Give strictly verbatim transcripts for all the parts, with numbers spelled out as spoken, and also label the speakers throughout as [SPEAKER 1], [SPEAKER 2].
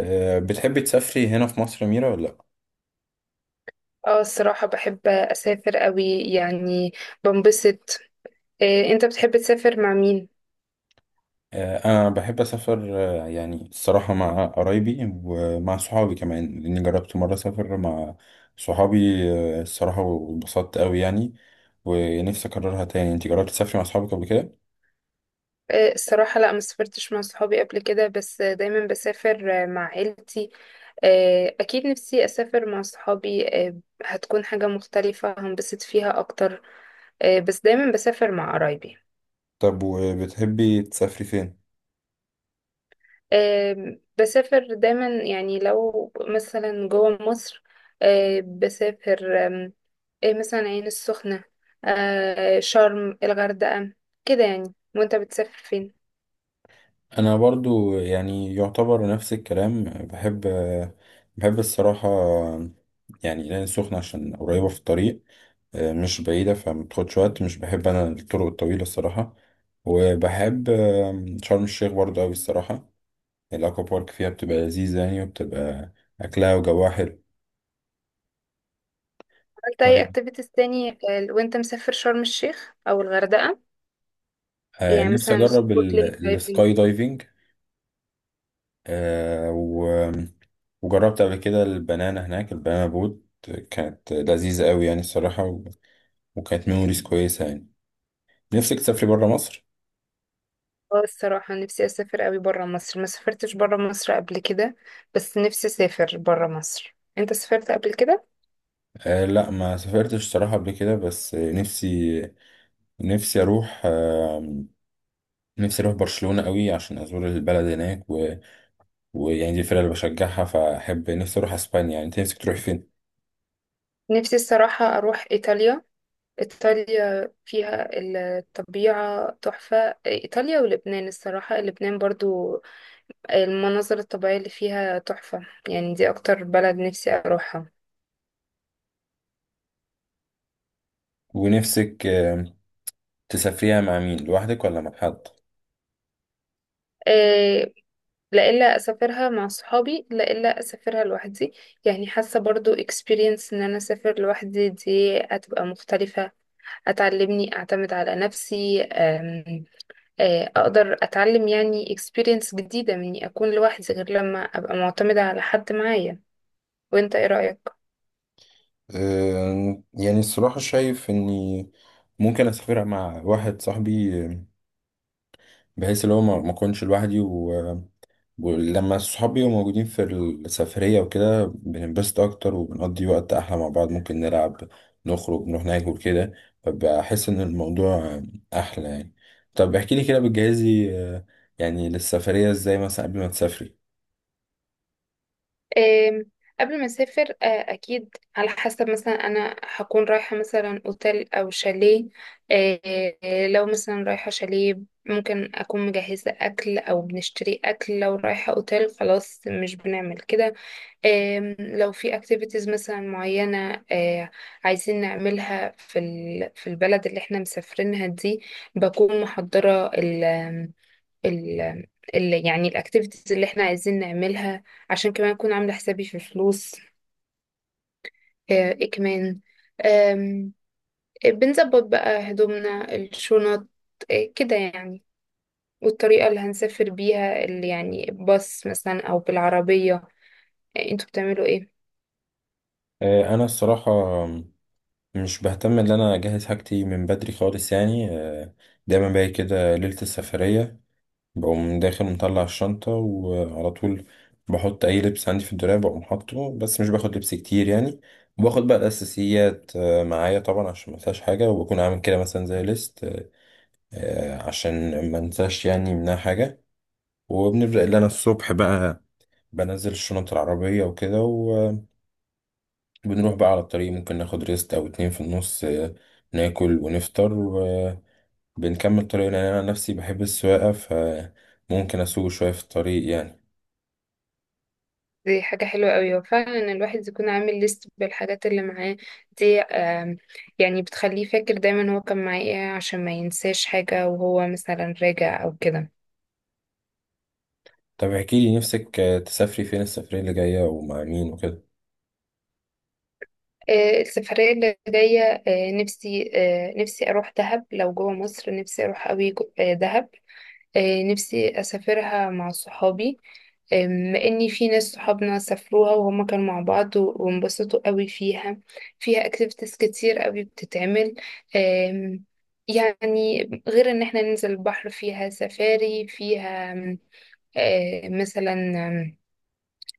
[SPEAKER 1] آه، بتحبي تسافري هنا في مصر يا ميرا ولا لأ؟
[SPEAKER 2] اه، الصراحة بحب أسافر قوي يعني. بنبسط. إيه انت بتحب تسافر مع مين؟
[SPEAKER 1] آه، أنا بحب أسافر. آه، يعني الصراحة مع قرايبي ومع صحابي كمان، لأني جربت مرة أسافر مع صحابي. آه، الصراحة واتبسطت أوي يعني، ونفسي أكررها تاني. أنت جربتي تسافري مع صحابك قبل كده؟
[SPEAKER 2] إيه الصراحة لا، ما سافرتش مع صحابي قبل كده، بس دايما بسافر مع عيلتي. إيه أكيد نفسي أسافر مع صحابي. إيه، هتكون حاجة مختلفة هنبسط فيها أكتر. إيه بس دايما بسافر مع قرايبي.
[SPEAKER 1] طب وبتحبي تسافري فين؟
[SPEAKER 2] آم، بسافر دايما يعني لو مثلا جوه مصر. آه، بسافر آم، إيه مثلا عين السخنة، آه، شرم، الغردقة، كده يعني. وانت بتسافر فين؟
[SPEAKER 1] أنا برضو يعني يعتبر نفس الكلام. بحب آه، بحب الصراحة، آه، يعني العين السخنة عشان قريبة في الطريق، آه، مش بعيدة فمتاخدش وقت. مش بحب أنا الطرق الطويلة الصراحة، وبحب آم، شرم الشيخ برضه أوي الصراحة. الأكوا بارك فيها بتبقى لذيذة يعني، وبتبقى أكلها وجوها حلو.
[SPEAKER 2] عملت اي
[SPEAKER 1] طيب،
[SPEAKER 2] اكتيفيتيز تاني آه، وانت مسافر شرم الشيخ او الغردقة؟
[SPEAKER 1] آه،
[SPEAKER 2] يعني
[SPEAKER 1] نفسي
[SPEAKER 2] مثلا
[SPEAKER 1] أجرب
[SPEAKER 2] سنوركلينج،
[SPEAKER 1] ال-
[SPEAKER 2] دايفنج.
[SPEAKER 1] السكاي دايفنج. آه، و- وجربت قبل كده البنانا هناك، البنانا بوت، كانت لذيذة أوي يعني الصراحة، و- وكانت ميموريز كويسة يعني. نفسك تسافري برا مصر؟
[SPEAKER 2] اه الصراحة نفسي اسافر قوي برا مصر. ما سافرتش برا مصر قبل كده، بس نفسي اسافر برا مصر. انت سافرت قبل كده؟
[SPEAKER 1] آه لا، ما سافرتش الصراحة قبل كده، بس نفسي، نفسي أروح. آه نفسي اروح برشلونة قوي عشان ازور البلد هناك، و... ويعني دي الفرقة اللي بشجعها، فاحب نفسي اروح اسبانيا يعني. انت نفسك تروح فين؟
[SPEAKER 2] نفسي الصراحة اروح ايطاليا. إيطاليا فيها الطبيعة تحفة. إيطاليا ولبنان الصراحة، لبنان برضو المناظر الطبيعية اللي فيها تحفة يعني. دي أكتر بلد نفسي أروحها.
[SPEAKER 1] ونفسك آم، تسافريها مع مين، لوحدك ولا مع حد؟
[SPEAKER 2] إيه، لا إلا أسافرها مع صحابي، لا إلا أسافرها لوحدي. يعني حاسة برضو experience إن أنا أسافر لوحدي دي هتبقى مختلفة، هتعلمني أعتمد على نفسي. أم، آه، أقدر أتعلم يعني experience جديدة مني أكون لوحدي، غير لما أبقى معتمدة على حد معايا. وانت ايه رأيك؟
[SPEAKER 1] آم، يعني الصراحة شايف اني ممكن اسافرها مع واحد صاحبي، آم، بحيث اللي هو ما ما اكونش لوحدي. ولما الصحاب بيبقوا موجودين في السفرية وكده، بننبسط أكتر وبنقضي وقت أحلى مع بعض، ممكن نلعب، نخرج، نروح ناكل كده. فبحس إن الموضوع أحلى يعني. طب احكي لي كده، بتجهزي آه، يعني للسفرية إزاي، مثلا قبل ما تسافري؟
[SPEAKER 2] آم، قبل ما اسافر آه، اكيد على حسب، مثلا انا هكون رايحة مثلا اوتيل او شاليه. آه، لو مثلا رايحة شاليه ممكن اكون مجهزة اكل او بنشتري اكل. لو رايحة اوتيل خلاص مش بنعمل كده. آم، لو في اكتيفيتيز مثلا معينة آه، عايزين نعملها في ال- في البلد اللي احنا مسافرينها دي، بكون محضرة ال ال يعني الاكتيفيتيز اللي احنا عايزين نعملها. عشان كمان اكون عامله حسابي في فلوس. آه، ايه كمان، آم، بنظبط بقى هدومنا، الشنط، آه، كده يعني. والطريقة اللي هنسافر بيها، اللي يعني باص مثلا أو بالعربية. آه، انتوا بتعملوا ايه؟
[SPEAKER 1] آه، أنا الصراحة مش بهتم إن أنا أجهز حاجتي من بدري خالص يعني. آه، دايما باجي كده ليلة السفرية، بقوم داخل مطلع الشنطة وعلى طول بحط أي لبس عندي في الدولاب، بقوم حاطه. بس مش باخد لبس كتير يعني، وباخد بقى الأساسيات آه، معايا طبعا عشان ما انساش حاجة. وبكون عامل كده مثلا زي ليست آه، عشان ما انساش يعني منها حاجة. وبنبدأ اللي أنا الصبح بقى بنزل الشنط العربية وكده، وبنروح بقى على الطريق. ممكن ناخد ريست أو اتنين في النص، آه، ناكل ونفطر، وبنكمل طريقنا. يعني أنا نفسي بحب السواقة، فممكن أسوق شوية في الطريق يعني.
[SPEAKER 2] دي حاجة حلوة قوي. وفعلا الواحد يكون عامل ليست بالحاجات اللي معاه دي. آم، يعني بتخليه فاكر دايما هو كان معاه ايه، عشان ما ينساش حاجة وهو مثلا راجع أو كده.
[SPEAKER 1] طب احكي لي، نفسك آه، تسافري فين السفرية اللي جاية ومع مين وكده؟
[SPEAKER 2] آه، السفرية اللي جاية، آه، نفسي آه، نفسي أروح دهب. لو جوه مصر نفسي أروح أوي جو- آه، دهب. آه، نفسي أسافرها مع صحابي. آم، إني في ناس صحابنا سافروها وهما كانوا مع بعض و- وانبسطوا أوي فيها. فيها اكتيفيتيز كتير أوي بتتعمل. آم، يعني غير إن احنا ننزل البحر، فيها سفاري، فيها آم، آه، مثلا آم،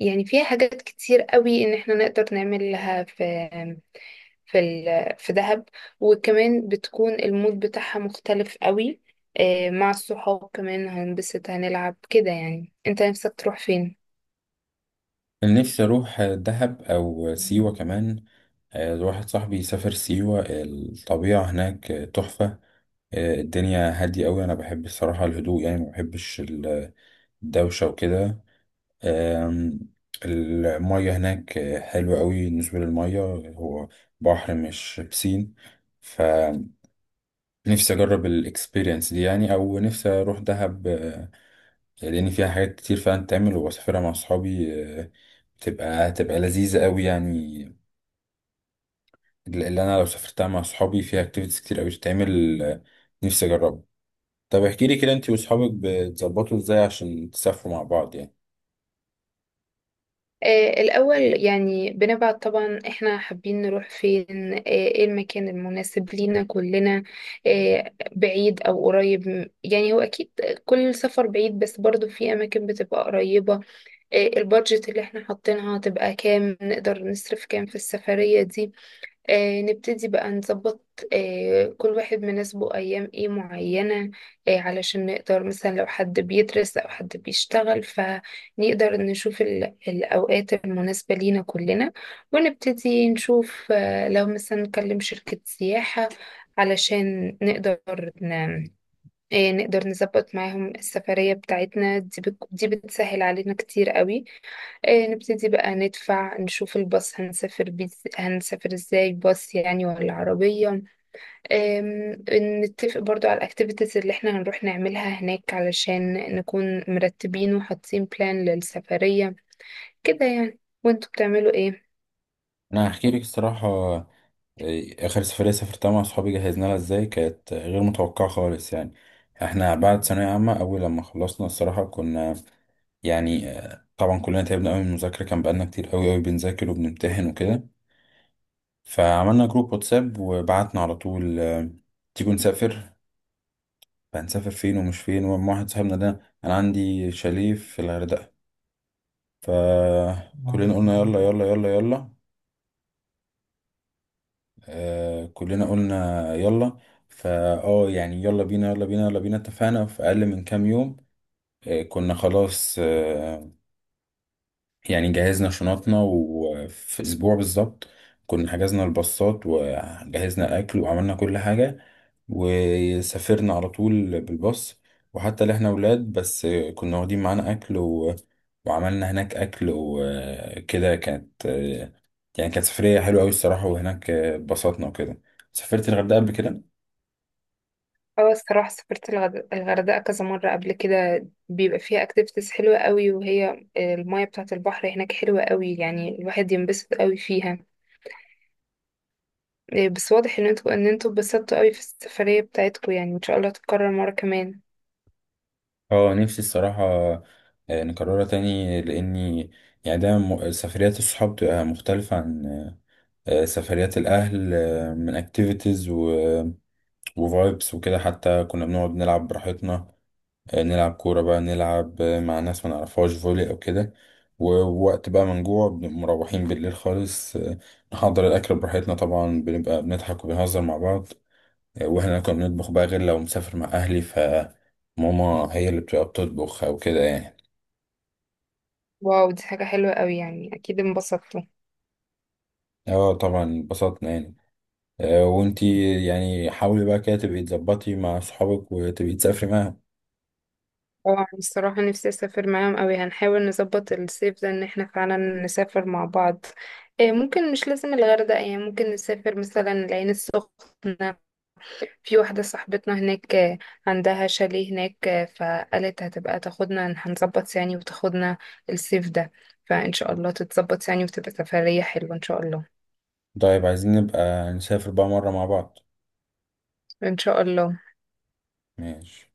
[SPEAKER 2] يعني فيها حاجات كتير أوي إن احنا نقدر نعملها في في ال- في دهب. وكمان بتكون المود بتاعها مختلف قوي. آه، مع الصحاب كمان هنبسط، هنلعب كده يعني. انت نفسك تروح فين؟
[SPEAKER 1] انا نفسي اروح آه، دهب او سيوة كمان. آه، واحد صاحبي سافر سيوة، الطبيعة هناك آه، تحفة. آه، الدنيا هادية أوي. أنا بحب الصراحة الهدوء يعني، ما بحبش ال- الدوشة وكده. آم، المية هناك آه، حلوة أوي. بالنسبة للمية، هو بحر مش بسين، فنفسي أجرب الإكسبيرينس دي يعني. أو نفسي أروح دهب، آه، لان فيها حاجات كتير فعلا تتعمل، وبسافرها مع اصحابي. آه، بتبقى هتبقى لذيذه قوي يعني، اللي انا لو سافرتها مع اصحابي. فيها اكتيفيتيز كتير قوي تتعمل، آه، نفسي اجربها. طب احكي لي كده، انت واصحابك بتظبطوا ازاي عشان تسافروا مع بعض يعني؟
[SPEAKER 2] آه، الأول يعني بنبعت طبعا احنا حابين نروح فين، آه، ايه المكان المناسب لينا كلنا، آه، بعيد أو قريب. م- يعني هو أكيد كل سفر بعيد، بس برضو في أماكن بتبقى قريبة. آه، البادجت اللي احنا حاطينها هتبقى كام، نقدر نصرف كام في السفرية دي. آه نبتدي بقى نظبط. آه كل واحد مناسبه أيام إيه معينة، آه علشان نقدر مثلا لو حد بيدرس أو حد بيشتغل فنقدر نشوف ال- الأوقات المناسبة لينا كلنا. ونبتدي نشوف، آه، لو مثلا نكلم شركة سياحة علشان نقدر ن... آه نقدر نظبط معاهم السفرية بتاعتنا دي. بت... دي بتسهل علينا كتير قوي. إيه نبتدي بقى ندفع، نشوف الباص، هنسافر بيز... هنسافر ازاي، باص يعني ولا عربية. إم... نتفق برضو على الاكتيفيتيز اللي احنا هنروح نعملها هناك، علشان نكون مرتبين وحاطين بلان للسفرية كده يعني. وانتوا بتعملوا ايه؟
[SPEAKER 1] انا هحكي لك الصراحه، آه، اخر سفريه سافرتها مع اصحابي جهزنا لها ازاي، كانت غير متوقعه خالص يعني. احنا بعد ثانويه عامه اول لما خلصنا الصراحه كنا يعني، آه، طبعا كلنا تعبنا قوي من المذاكره، كان بقالنا كتير قوي قوي بنذاكر وبنمتحن وكده. فعملنا جروب واتساب وبعتنا على طول، آه، تيجوا نسافر، فهنسافر فين ومش فين. ومع واحد صاحبنا ده انا عندي شاليه في الغردقة، فكلنا قلنا يلا يلا يلا يلا، آه كلنا قلنا يلا. فا اه يعني يلا بينا يلا بينا يلا بينا، اتفقنا في اقل من كام يوم. آه كنا خلاص، آه، يعني جهزنا شنطنا، وفي اسبوع بالظبط كنا حجزنا الباصات وجهزنا الاكل وعملنا كل حاجه، وسافرنا على طول بالباص. وحتى اللي احنا ولاد بس، كنا واخدين معانا اكل و... وعملنا هناك اكل وكده. كانت يعني كانت سفريه حلوه قوي الصراحه، وهناك اتبسطنا وكده. سافرت الغردقه قبل كده؟
[SPEAKER 2] اه الصراحة سافرت الغد... الغردقة كذا مرة قبل كده. بيبقى فيها اكتيفيتيز حلوة قوي، وهي المية بتاعة البحر هناك حلوة قوي يعني، الواحد ينبسط قوي فيها. إيه، بس واضح ان انتوا ان انتوا اتبسطتوا قوي في السفرية بتاعتكم يعني. ان شاء الله تتكرر مرة كمان.
[SPEAKER 1] اه نفسي الصراحه آه، نكررها تاني، لاني يعني دايما م- سفريات الصحاب تبقى مختلفه عن آه، سفريات الأهل، آه، من اكتيفيتيز وفايبس وكده. حتى كنا بنقعد نلعب براحتنا، آه، نلعب كورة بقى، نلعب آه، مع ناس ما نعرفهاش فولي أو كده. ووقت بقى ما نجوع، بنبقى مروحين بالليل خالص، آه، نحضر الأكل براحتنا. طبعا بنبقى بنضحك وبنهزر مع بعض، آه، واحنا كنا بنطبخ بقى، غير لو مسافر مع أهلي فماما هي اللي بتبقى بتطبخ أو كده يعني.
[SPEAKER 2] واو دي حاجة حلوة قوي، يعني اكيد انبسطتوا.
[SPEAKER 1] اه طبعا اتبسطنا يعني، آه، وانتي يعني حاولي بقى كده تبقي تظبطي مع صحابك وتبقي تسافري معاهم.
[SPEAKER 2] اه أنا الصراحة نفسي اسافر معاهم قوي. هنحاول نظبط الصيف ده ان احنا فعلا نسافر مع بعض. إيه ممكن مش لازم الغردقة يعني، ممكن نسافر مثلا العين السخنة. في واحدة صاحبتنا هناك آه، عندها شاليه هناك. آه، فقالت هتبقى تاخدنا، هنظبط يعني وتاخدنا الصيف ده. فإن شاء الله تتظبط يعني، وتبقى سفرية حلوة إن شاء الله.
[SPEAKER 1] طيب، عايزين نبقى نسافر بقى مرة مع بعض.
[SPEAKER 2] إن شاء الله.
[SPEAKER 1] ماشي.